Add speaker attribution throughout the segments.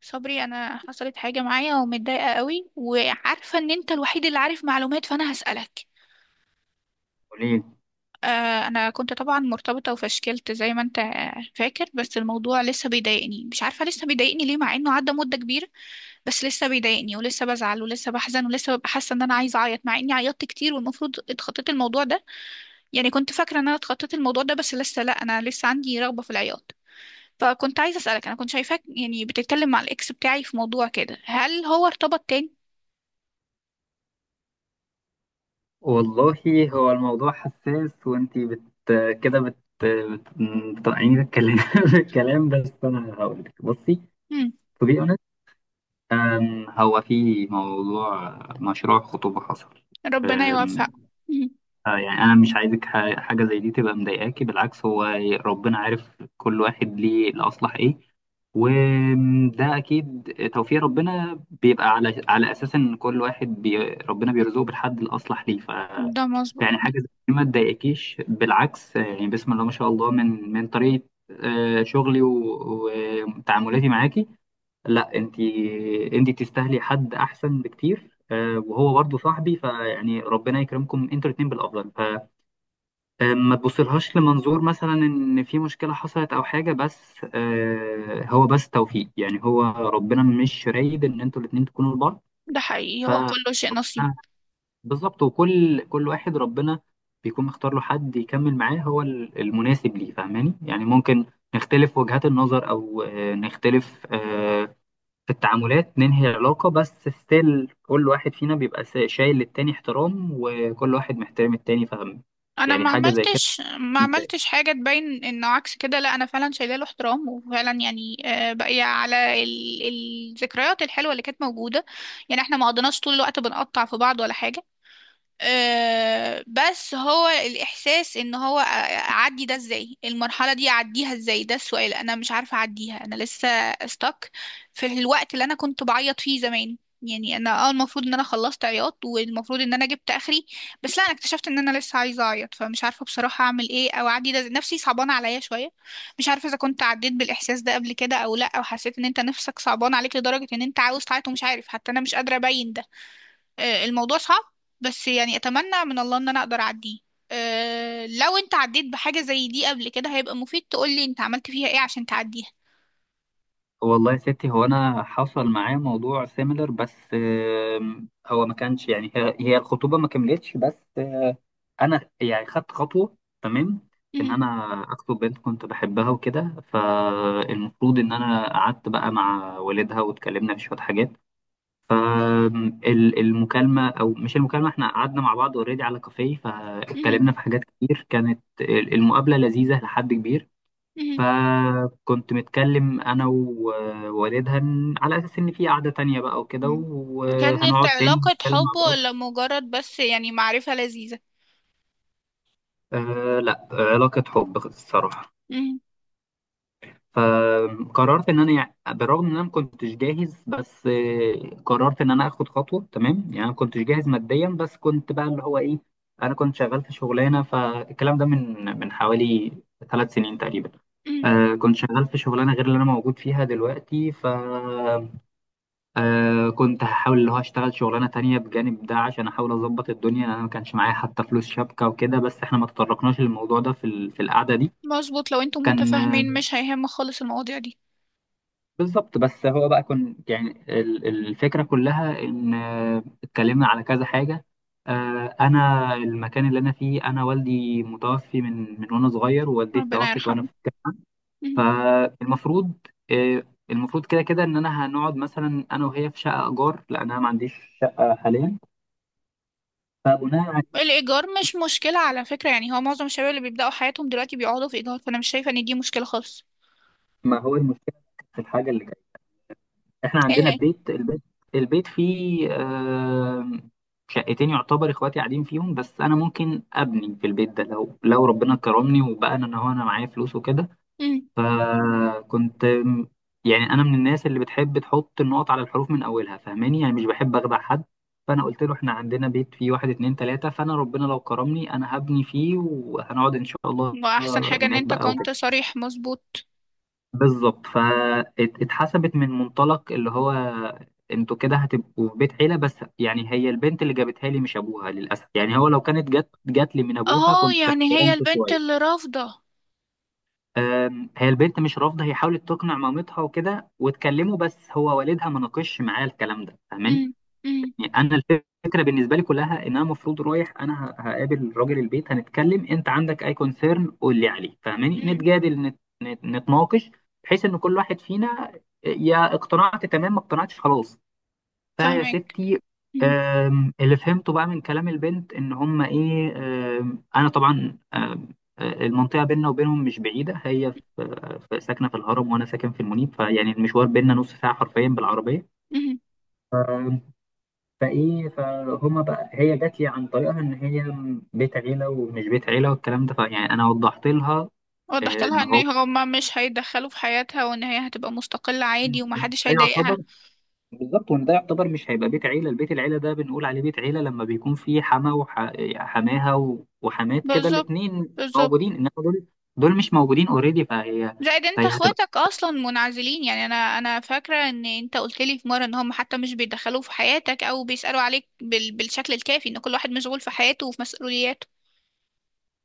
Speaker 1: صبري، انا حصلت حاجه معايا ومتضايقه قوي، وعارفه ان انت الوحيد اللي عارف معلومات، فانا هسالك.
Speaker 2: قوليلي.
Speaker 1: آه، انا كنت طبعا مرتبطه وفشكلت زي ما انت فاكر. بس الموضوع لسه بيضايقني، مش عارفه لسه بيضايقني ليه مع انه عدى مده كبيره. بس لسه بيضايقني ولسه بزعل ولسه بحزن ولسه ببقى حاسه ان انا عايزه اعيط، مع اني عيطت كتير والمفروض اتخطيت الموضوع ده. يعني كنت فاكره ان انا اتخطيت الموضوع ده، بس لسه لا، انا لسه عندي رغبه في العياط. فكنت عايزه اسالك، انا كنت شايفاك يعني بتتكلم مع الاكس بتاعي في موضوع كده، هل هو ارتبط تاني؟
Speaker 2: والله، هو الموضوع حساس، وانتي بت كده بت بت- بتقطعيني بالكلام بالكلام، بس انا هقولك. بصي،
Speaker 1: مم.
Speaker 2: to be honest، هو في موضوع مشروع خطوبة حصل.
Speaker 1: ربنا يوفقه مم.
Speaker 2: يعني انا مش عايزك حاجه زي دي تبقى مضايقاكي، بالعكس. هو ربنا عارف كل واحد ليه الاصلح ايه، وده اكيد توفيق ربنا، بيبقى على اساس ان كل واحد ربنا بيرزقه بالحد الاصلح ليه.
Speaker 1: ده مظبوط.
Speaker 2: يعني حاجه زي دي ما تضايقكيش، بالعكس. يعني بسم الله ما شاء الله، من طريقه، شغلي وتعاملاتي معاكي. لا، انت تستاهلي حد احسن بكتير، وهو برضه صاحبي، فيعني ربنا يكرمكم انتوا الاتنين بالافضل. فما تبصلهاش لمنظور مثلا ان في مشكله حصلت او حاجه، بس هو بس توفيق، يعني هو ربنا مش رايد ان انتوا الاتنين تكونوا لبعض.
Speaker 1: ده حقيقي،
Speaker 2: ف
Speaker 1: هو
Speaker 2: آه،
Speaker 1: كله شيء نصيب.
Speaker 2: بالظبط، وكل كل واحد ربنا بيكون مختار له حد يكمل معاه، هو المناسب ليه، فاهماني؟ يعني ممكن نختلف وجهات النظر، او نختلف في التعاملات، ننهي العلاقة، بس ستيل كل واحد فينا بيبقى شايل للتاني احترام، وكل واحد محترم التاني، فاهم؟
Speaker 1: انا
Speaker 2: يعني
Speaker 1: ما
Speaker 2: حاجة زي كده
Speaker 1: عملتش ما عملتش
Speaker 2: مبدئية.
Speaker 1: حاجه تبين انه عكس كده، لا انا فعلا شايله له احترام، وفعلا يعني باقيه على الذكريات الحلوه اللي كانت موجوده. يعني احنا ما قضيناش طول الوقت بنقطع في بعض ولا حاجه. بس هو الإحساس إن هو أعدي ده إزاي، المرحلة دي أعديها إزاي، ده السؤال. أنا مش عارفة أعديها، أنا لسه استك في الوقت اللي أنا كنت بعيط فيه زمان. يعني أنا المفروض إن أنا خلصت عياط، والمفروض إن أنا جبت آخري. بس لا، أنا اكتشفت إن أنا لسه عايزة أعيط، فمش عارفة بصراحة أعمل إيه أو أعدي ده إزاي. نفسي صعبانة عليا شوية. مش عارفة إذا كنت عديت بالإحساس ده قبل كده أو لأ، أو حسيت إن أنت نفسك صعبان عليك لدرجة إن أنت عاوز تعيط ومش عارف، حتى أنا مش قادرة أبين ده. الموضوع صعب، بس يعني اتمنى من الله ان انا اقدر اعديه. لو انت عديت بحاجة زي دي قبل كده، هيبقى مفيد تقولي انت عملت فيها ايه عشان تعديها.
Speaker 2: والله يا ستي، هو أنا حصل معايا موضوع سيميلر، بس هو ما كانش، يعني هي الخطوبة ما كملتش، بس أنا يعني خدت خطوة، تمام، إن
Speaker 1: مهم.
Speaker 2: أنا أخطب بنت كنت بحبها وكده. فالمفروض إن أنا قعدت بقى مع والدها واتكلمنا في شوية حاجات. فالمكالمة، أو مش المكالمة، إحنا قعدنا مع بعض أوريدي على كافيه،
Speaker 1: مهم.
Speaker 2: فاتكلمنا في حاجات كتير، كانت المقابلة لذيذة لحد كبير.
Speaker 1: مهم.
Speaker 2: فكنت متكلم أنا ووالدها على أساس إن في قعدة تانية بقى وكده،
Speaker 1: مهم. كانت
Speaker 2: وهنقعد تاني
Speaker 1: علاقة
Speaker 2: نتكلم مع
Speaker 1: حب
Speaker 2: بعض.
Speaker 1: ولا مجرد بس يعني معرفة لذيذة؟
Speaker 2: أه لا، علاقة حب الصراحة.
Speaker 1: مهم.
Speaker 2: فقررت ان انا، يعني بالرغم ان انا ما كنتش جاهز، بس قررت ان انا اخد خطوه. تمام، يعني انا ما كنتش جاهز ماديا، بس كنت بقى اللي هو ايه، انا كنت شغال في شغلانه. فالكلام ده من حوالي 3 سنين تقريبا.
Speaker 1: مهم.
Speaker 2: كنت شغال في شغلانه غير اللي انا موجود فيها دلوقتي. ف آه كنت هحاول اللي هو اشتغل شغلانه تانية بجانب ده، عشان احاول اظبط الدنيا. انا ما كانش معايا حتى فلوس شبكه وكده، بس احنا ما تطرقناش للموضوع ده في القعده دي.
Speaker 1: مظبوط، لو انتم
Speaker 2: كان
Speaker 1: متفاهمين مش هيهم خالص المواضيع دي.
Speaker 2: بالظبط. بس هو بقى كان، يعني الفكرة كلها إن، اتكلمنا على كذا حاجة. أنا المكان اللي أنا فيه، أنا والدي متوفي من وأنا صغير، ووالدتي
Speaker 1: ربنا
Speaker 2: توفت وأنا
Speaker 1: يرحمه.
Speaker 2: في
Speaker 1: مهم.
Speaker 2: الجامعة. فالمفروض، آه، المفروض كده كده إن أنا هنقعد مثلا أنا وهي في شقة إيجار، لأن أنا ما عنديش شقة حاليا. فبناء على،
Speaker 1: الإيجار مش مشكلة على فكرة، يعني هو معظم الشباب اللي بيبدأوا حياتهم دلوقتي بيقعدوا في إيجار، فأنا مش شايفة إن دي مشكلة خالص.
Speaker 2: ما هو المشكلة في الحاجة اللي احنا عندنا
Speaker 1: ايه.
Speaker 2: بيت. البيت فيه شقتين، يعتبر اخواتي قاعدين فيهم، بس انا ممكن ابني في البيت ده لو ربنا كرمني وبقى انا، هو انا معايا فلوس وكده.
Speaker 1: مهم.
Speaker 2: فكنت يعني انا من الناس اللي بتحب تحط النقط على الحروف من اولها، فاهماني؟ يعني مش بحب اخدع حد. فانا قلت له احنا عندنا بيت فيه واحد، اتنين، تلاتة، فانا ربنا لو كرمني انا هبني فيه وهنقعد ان شاء الله
Speaker 1: واحسن حاجة ان
Speaker 2: هناك
Speaker 1: انت
Speaker 2: بقى.
Speaker 1: كنت صريح، مظبوط.
Speaker 2: بالظبط. فاتحسبت من منطلق اللي هو انتوا كده هتبقوا في بيت عيلة، بس يعني هي البنت اللي جابتها لي، مش ابوها، للاسف. يعني هو لو كانت جات لي من ابوها
Speaker 1: اه،
Speaker 2: كنت
Speaker 1: يعني هي
Speaker 2: احترمته
Speaker 1: البنت اللي
Speaker 2: شوية.
Speaker 1: رافضة؟
Speaker 2: هي البنت مش رافضة، هي حاولت تقنع مامتها وكده واتكلموا، بس هو والدها ما ناقشش معايا الكلام ده، فاهماني؟
Speaker 1: امم، امم،
Speaker 2: يعني انا الفكره بالنسبه لي كلها ان انا المفروض رايح، انا هقابل راجل البيت، هنتكلم، انت عندك اي كونسيرن قول لي عليه، فاهماني؟
Speaker 1: امم.
Speaker 2: نتجادل، نتناقش، بحيث ان كل واحد فينا، يا اقتنعت تمام، ما اقتنعتش خلاص. فيا
Speaker 1: فاهمك.
Speaker 2: ستي،
Speaker 1: امم،
Speaker 2: اللي فهمته بقى من كلام البنت ان هم ايه، انا طبعا آم، آه، المنطقه بيننا وبينهم مش بعيده، هي ساكنه في الهرم وانا ساكن في المنيب، فيعني المشوار بيننا نص ساعه حرفيا بالعربيه.
Speaker 1: امم.
Speaker 2: فايه فهما بقى، هي جات لي عن طريقها ان هي بيت عيله ومش بيت عيله والكلام ده، فيعني انا وضحت لها
Speaker 1: وضحت
Speaker 2: ان
Speaker 1: لها ان
Speaker 2: هو،
Speaker 1: هما مش هيدخلوا في حياتها، وان هي هتبقى مستقلة عادي،
Speaker 2: وإن
Speaker 1: ومحدش
Speaker 2: ده
Speaker 1: هيضايقها.
Speaker 2: يعتبر، بالظبط، وان ده يعتبر مش هيبقى بيت عيله. البيت العيله ده بنقول عليه بيت عيله لما بيكون فيه حما وحماها وحمات كده
Speaker 1: بالظبط،
Speaker 2: الاتنين
Speaker 1: بالظبط.
Speaker 2: موجودين، انما دول مش موجودين اوريدي. فهي
Speaker 1: زائد انت
Speaker 2: فهي هتبقى
Speaker 1: اخواتك اصلا منعزلين، يعني انا فاكرة ان انت قلت لي في مرة ان هم حتى مش بيدخلوا في حياتك او بيسألوا عليك بالشكل الكافي، ان كل واحد مشغول في حياته وفي مسؤولياته.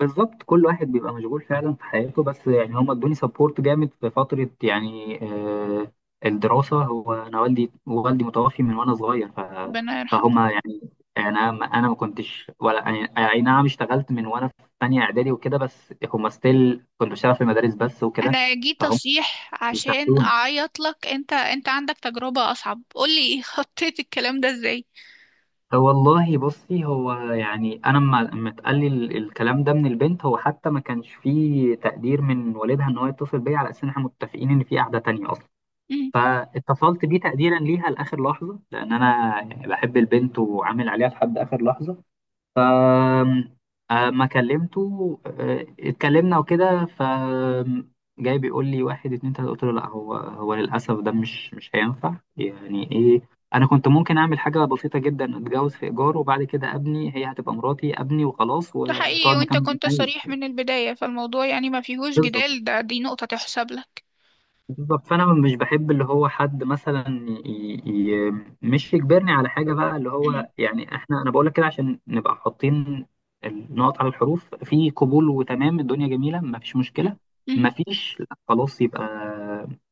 Speaker 2: بالظبط، كل واحد بيبقى مشغول فعلا في حياته. بس يعني هم ادوني سبورت جامد في فترة، يعني الدراسة. هو أنا والدي متوفي من وأنا صغير.
Speaker 1: ربنا يرحمه.
Speaker 2: فهم يعني أنا، ما أنا ما كنتش، ولا يعني أي نعم، اشتغلت من وأنا في تانية إعدادي وكده، بس هم ستيل كنت بشتغل في المدارس بس وكده.
Speaker 1: انا جيت
Speaker 2: فهم
Speaker 1: اصيح عشان
Speaker 2: بيساعدوني.
Speaker 1: اعيط لك، انت عندك تجربة اصعب، قولي خطيت الكلام ده ازاي؟
Speaker 2: والله، بصي، هو يعني أنا لما اتقال لي الكلام ده من البنت، هو حتى ما كانش فيه تقدير من والدها إن هو يتصل بيا على أساس إن إحنا متفقين إن في قعدة تانية أصلا.
Speaker 1: مم.
Speaker 2: فاتصلت بيه تقديرا ليها لاخر لحظه، لان انا يعني بحب البنت وعامل عليها لحد اخر لحظه. أم- اما كلمته اتكلمنا وكده. جاي بيقول لي واحد، اتنين، تلاته، قلت له لا، هو للاسف ده مش هينفع. يعني ايه، انا كنت ممكن اعمل حاجه بسيطه جدا، اتجوز في ايجار وبعد كده ابني، هي هتبقى مراتي، ابني وخلاص،
Speaker 1: ده حقيقي،
Speaker 2: وتقعد
Speaker 1: وانت
Speaker 2: مكان ما أنا
Speaker 1: كنت
Speaker 2: عايز.
Speaker 1: صريح من البداية، فالموضوع يعني ما فيهوش
Speaker 2: بالظبط،
Speaker 1: جدال، دي نقطة تحسب لك.
Speaker 2: بالظبط. فانا مش بحب اللي هو حد مثلا ي... ي... مش يجبرني على حاجه بقى، اللي هو يعني، احنا انا بقول لك كده عشان نبقى حاطين النقط على الحروف. في قبول وتمام، الدنيا جميله ما فيش مشكله.
Speaker 1: مم.
Speaker 2: ما فيش، لا، خلاص، يبقى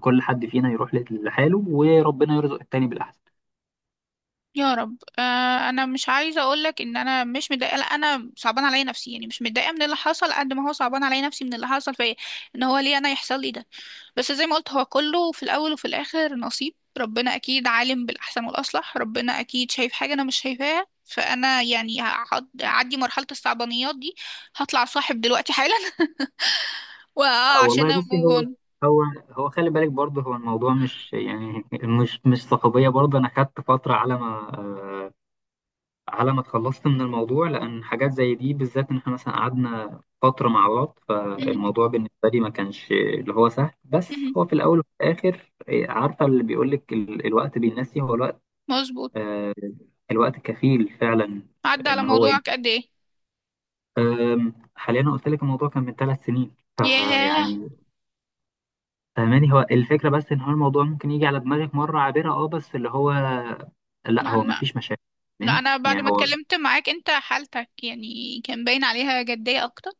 Speaker 2: كل حد فينا يروح لحاله، وربنا يرزق التاني بالاحسن.
Speaker 1: يا رب. انا مش عايزه اقول لك ان انا مش متضايقه، لا، انا صعبان عليا نفسي، يعني مش متضايقه من اللي حصل قد ما هو صعبان عليا نفسي من اللي حصل فيا. ان هو ليه انا يحصل لي ده. بس زي ما قلت، هو كله في الاول وفي الاخر نصيب، ربنا اكيد عالم بالاحسن والاصلح، ربنا اكيد شايف حاجه انا مش شايفاها، فانا يعني هعدي مرحله الصعبانيات دي. هطلع صاحب دلوقتي حالا
Speaker 2: اه
Speaker 1: وعشان
Speaker 2: والله، بصي،
Speaker 1: اموف اون.
Speaker 2: هو هو خلي بالك برضه، هو الموضوع مش، يعني مش صحوبيه برضه، انا خدت فتره على ما اتخلصت من الموضوع، لأن حاجات زي دي بالذات، إن إحنا مثلا قعدنا فترة مع بعض،
Speaker 1: مهم.
Speaker 2: فالموضوع بالنسبة لي ما كانش اللي هو سهل. بس
Speaker 1: مهم.
Speaker 2: هو في الأول وفي الآخر، إيه، عارفة اللي بيقولك، الوقت بينسي، هو الوقت،
Speaker 1: مظبوط.
Speaker 2: آه، الوقت كفيل فعلا
Speaker 1: عدى على
Speaker 2: إن هو
Speaker 1: موضوعك قد ايه؟
Speaker 2: حاليا أنا قلت لك الموضوع كان من 3 سنين،
Speaker 1: ياه.
Speaker 2: فيعني فاهماني، هو الفكرة بس إن هو الموضوع ممكن يجي على دماغك مرة عابرة، أه، بس اللي هو لا،
Speaker 1: لا،
Speaker 2: هو ما
Speaker 1: لا،
Speaker 2: فيش مشاكل.
Speaker 1: لا،
Speaker 2: فاهماني؟
Speaker 1: انا بعد
Speaker 2: يعني
Speaker 1: ما
Speaker 2: هو،
Speaker 1: اتكلمت معاك انت حالتك يعني كان باين عليها جدية اكتر.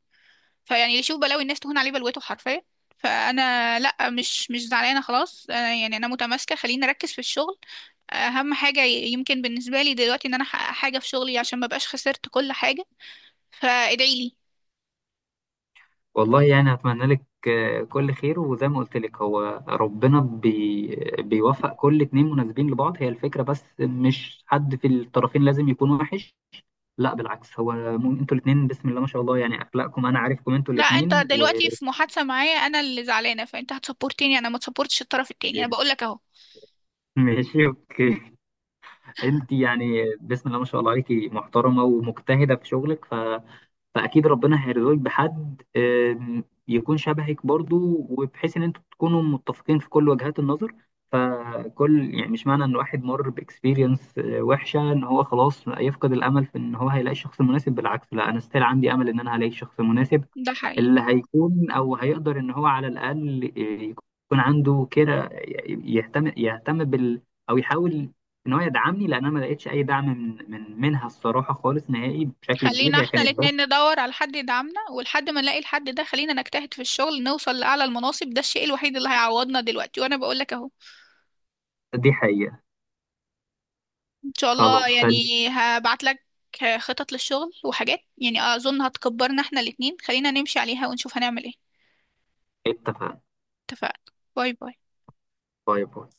Speaker 1: فيعني اللي يشوف بلاوي الناس تهون عليه بلوته حرفيا. فانا لا، مش زعلانه خلاص أنا يعني انا متماسكه، خليني اركز في الشغل. اهم حاجه يمكن بالنسبه لي دلوقتي ان انا احقق حاجه في شغلي عشان ما بقاش خسرت كل حاجه. فادعي لي.
Speaker 2: والله، يعني أتمنى لك كل خير. وزي ما قلت لك، هو ربنا بيوفق كل اتنين مناسبين لبعض، هي الفكرة بس، مش حد في الطرفين لازم يكون وحش، لا بالعكس. هو انتوا الاتنين بسم الله ما شاء الله، يعني أخلاقكم أنا عارفكم انتوا
Speaker 1: لا، انت
Speaker 2: الاتنين
Speaker 1: دلوقتي في محادثه معايا انا اللي زعلانه، فانت هتسبورتني انا، ما تسبورتش الطرف التاني، انا بقول لك اهو.
Speaker 2: ماشي، اوكي. انت يعني بسم الله ما شاء الله عليكي، محترمة ومجتهدة في شغلك، فاكيد ربنا هيرزقك بحد يكون شبهك برضو، وبحيث ان انتوا تكونوا متفقين في كل وجهات النظر. فكل، يعني مش معنى ان واحد مر باكسبيرينس وحشه ان هو خلاص يفقد الامل في ان هو هيلاقي الشخص المناسب، بالعكس. لا، انا ستيل عندي امل ان انا هلاقي الشخص المناسب،
Speaker 1: ده حقيقي.
Speaker 2: اللي هيكون، او هيقدر ان هو على الاقل، يكون عنده كده، يهتم او يحاول ان هو يدعمني، لان انا ما لقيتش اي دعم من من منها الصراحه خالص نهائي بشكل كبير.
Speaker 1: خلينا
Speaker 2: هي
Speaker 1: احنا
Speaker 2: كانت
Speaker 1: الاتنين ندور على حد يدعمنا، ولحد ما نلاقي الحد ده خلينا نجتهد في الشغل، نوصل لأعلى المناصب، ده الشيء الوحيد اللي هيعوضنا دلوقتي، وانا بقول لك اهو.
Speaker 2: دي حقيقة.
Speaker 1: ان شاء
Speaker 2: خلاص،
Speaker 1: الله، يعني هبعت لك خطط للشغل وحاجات، يعني اظن هتكبرنا احنا الاتنين، خلينا نمشي عليها ونشوف هنعمل ايه.
Speaker 2: اتفقنا.
Speaker 1: اتفقنا. باي باي.
Speaker 2: باي باي.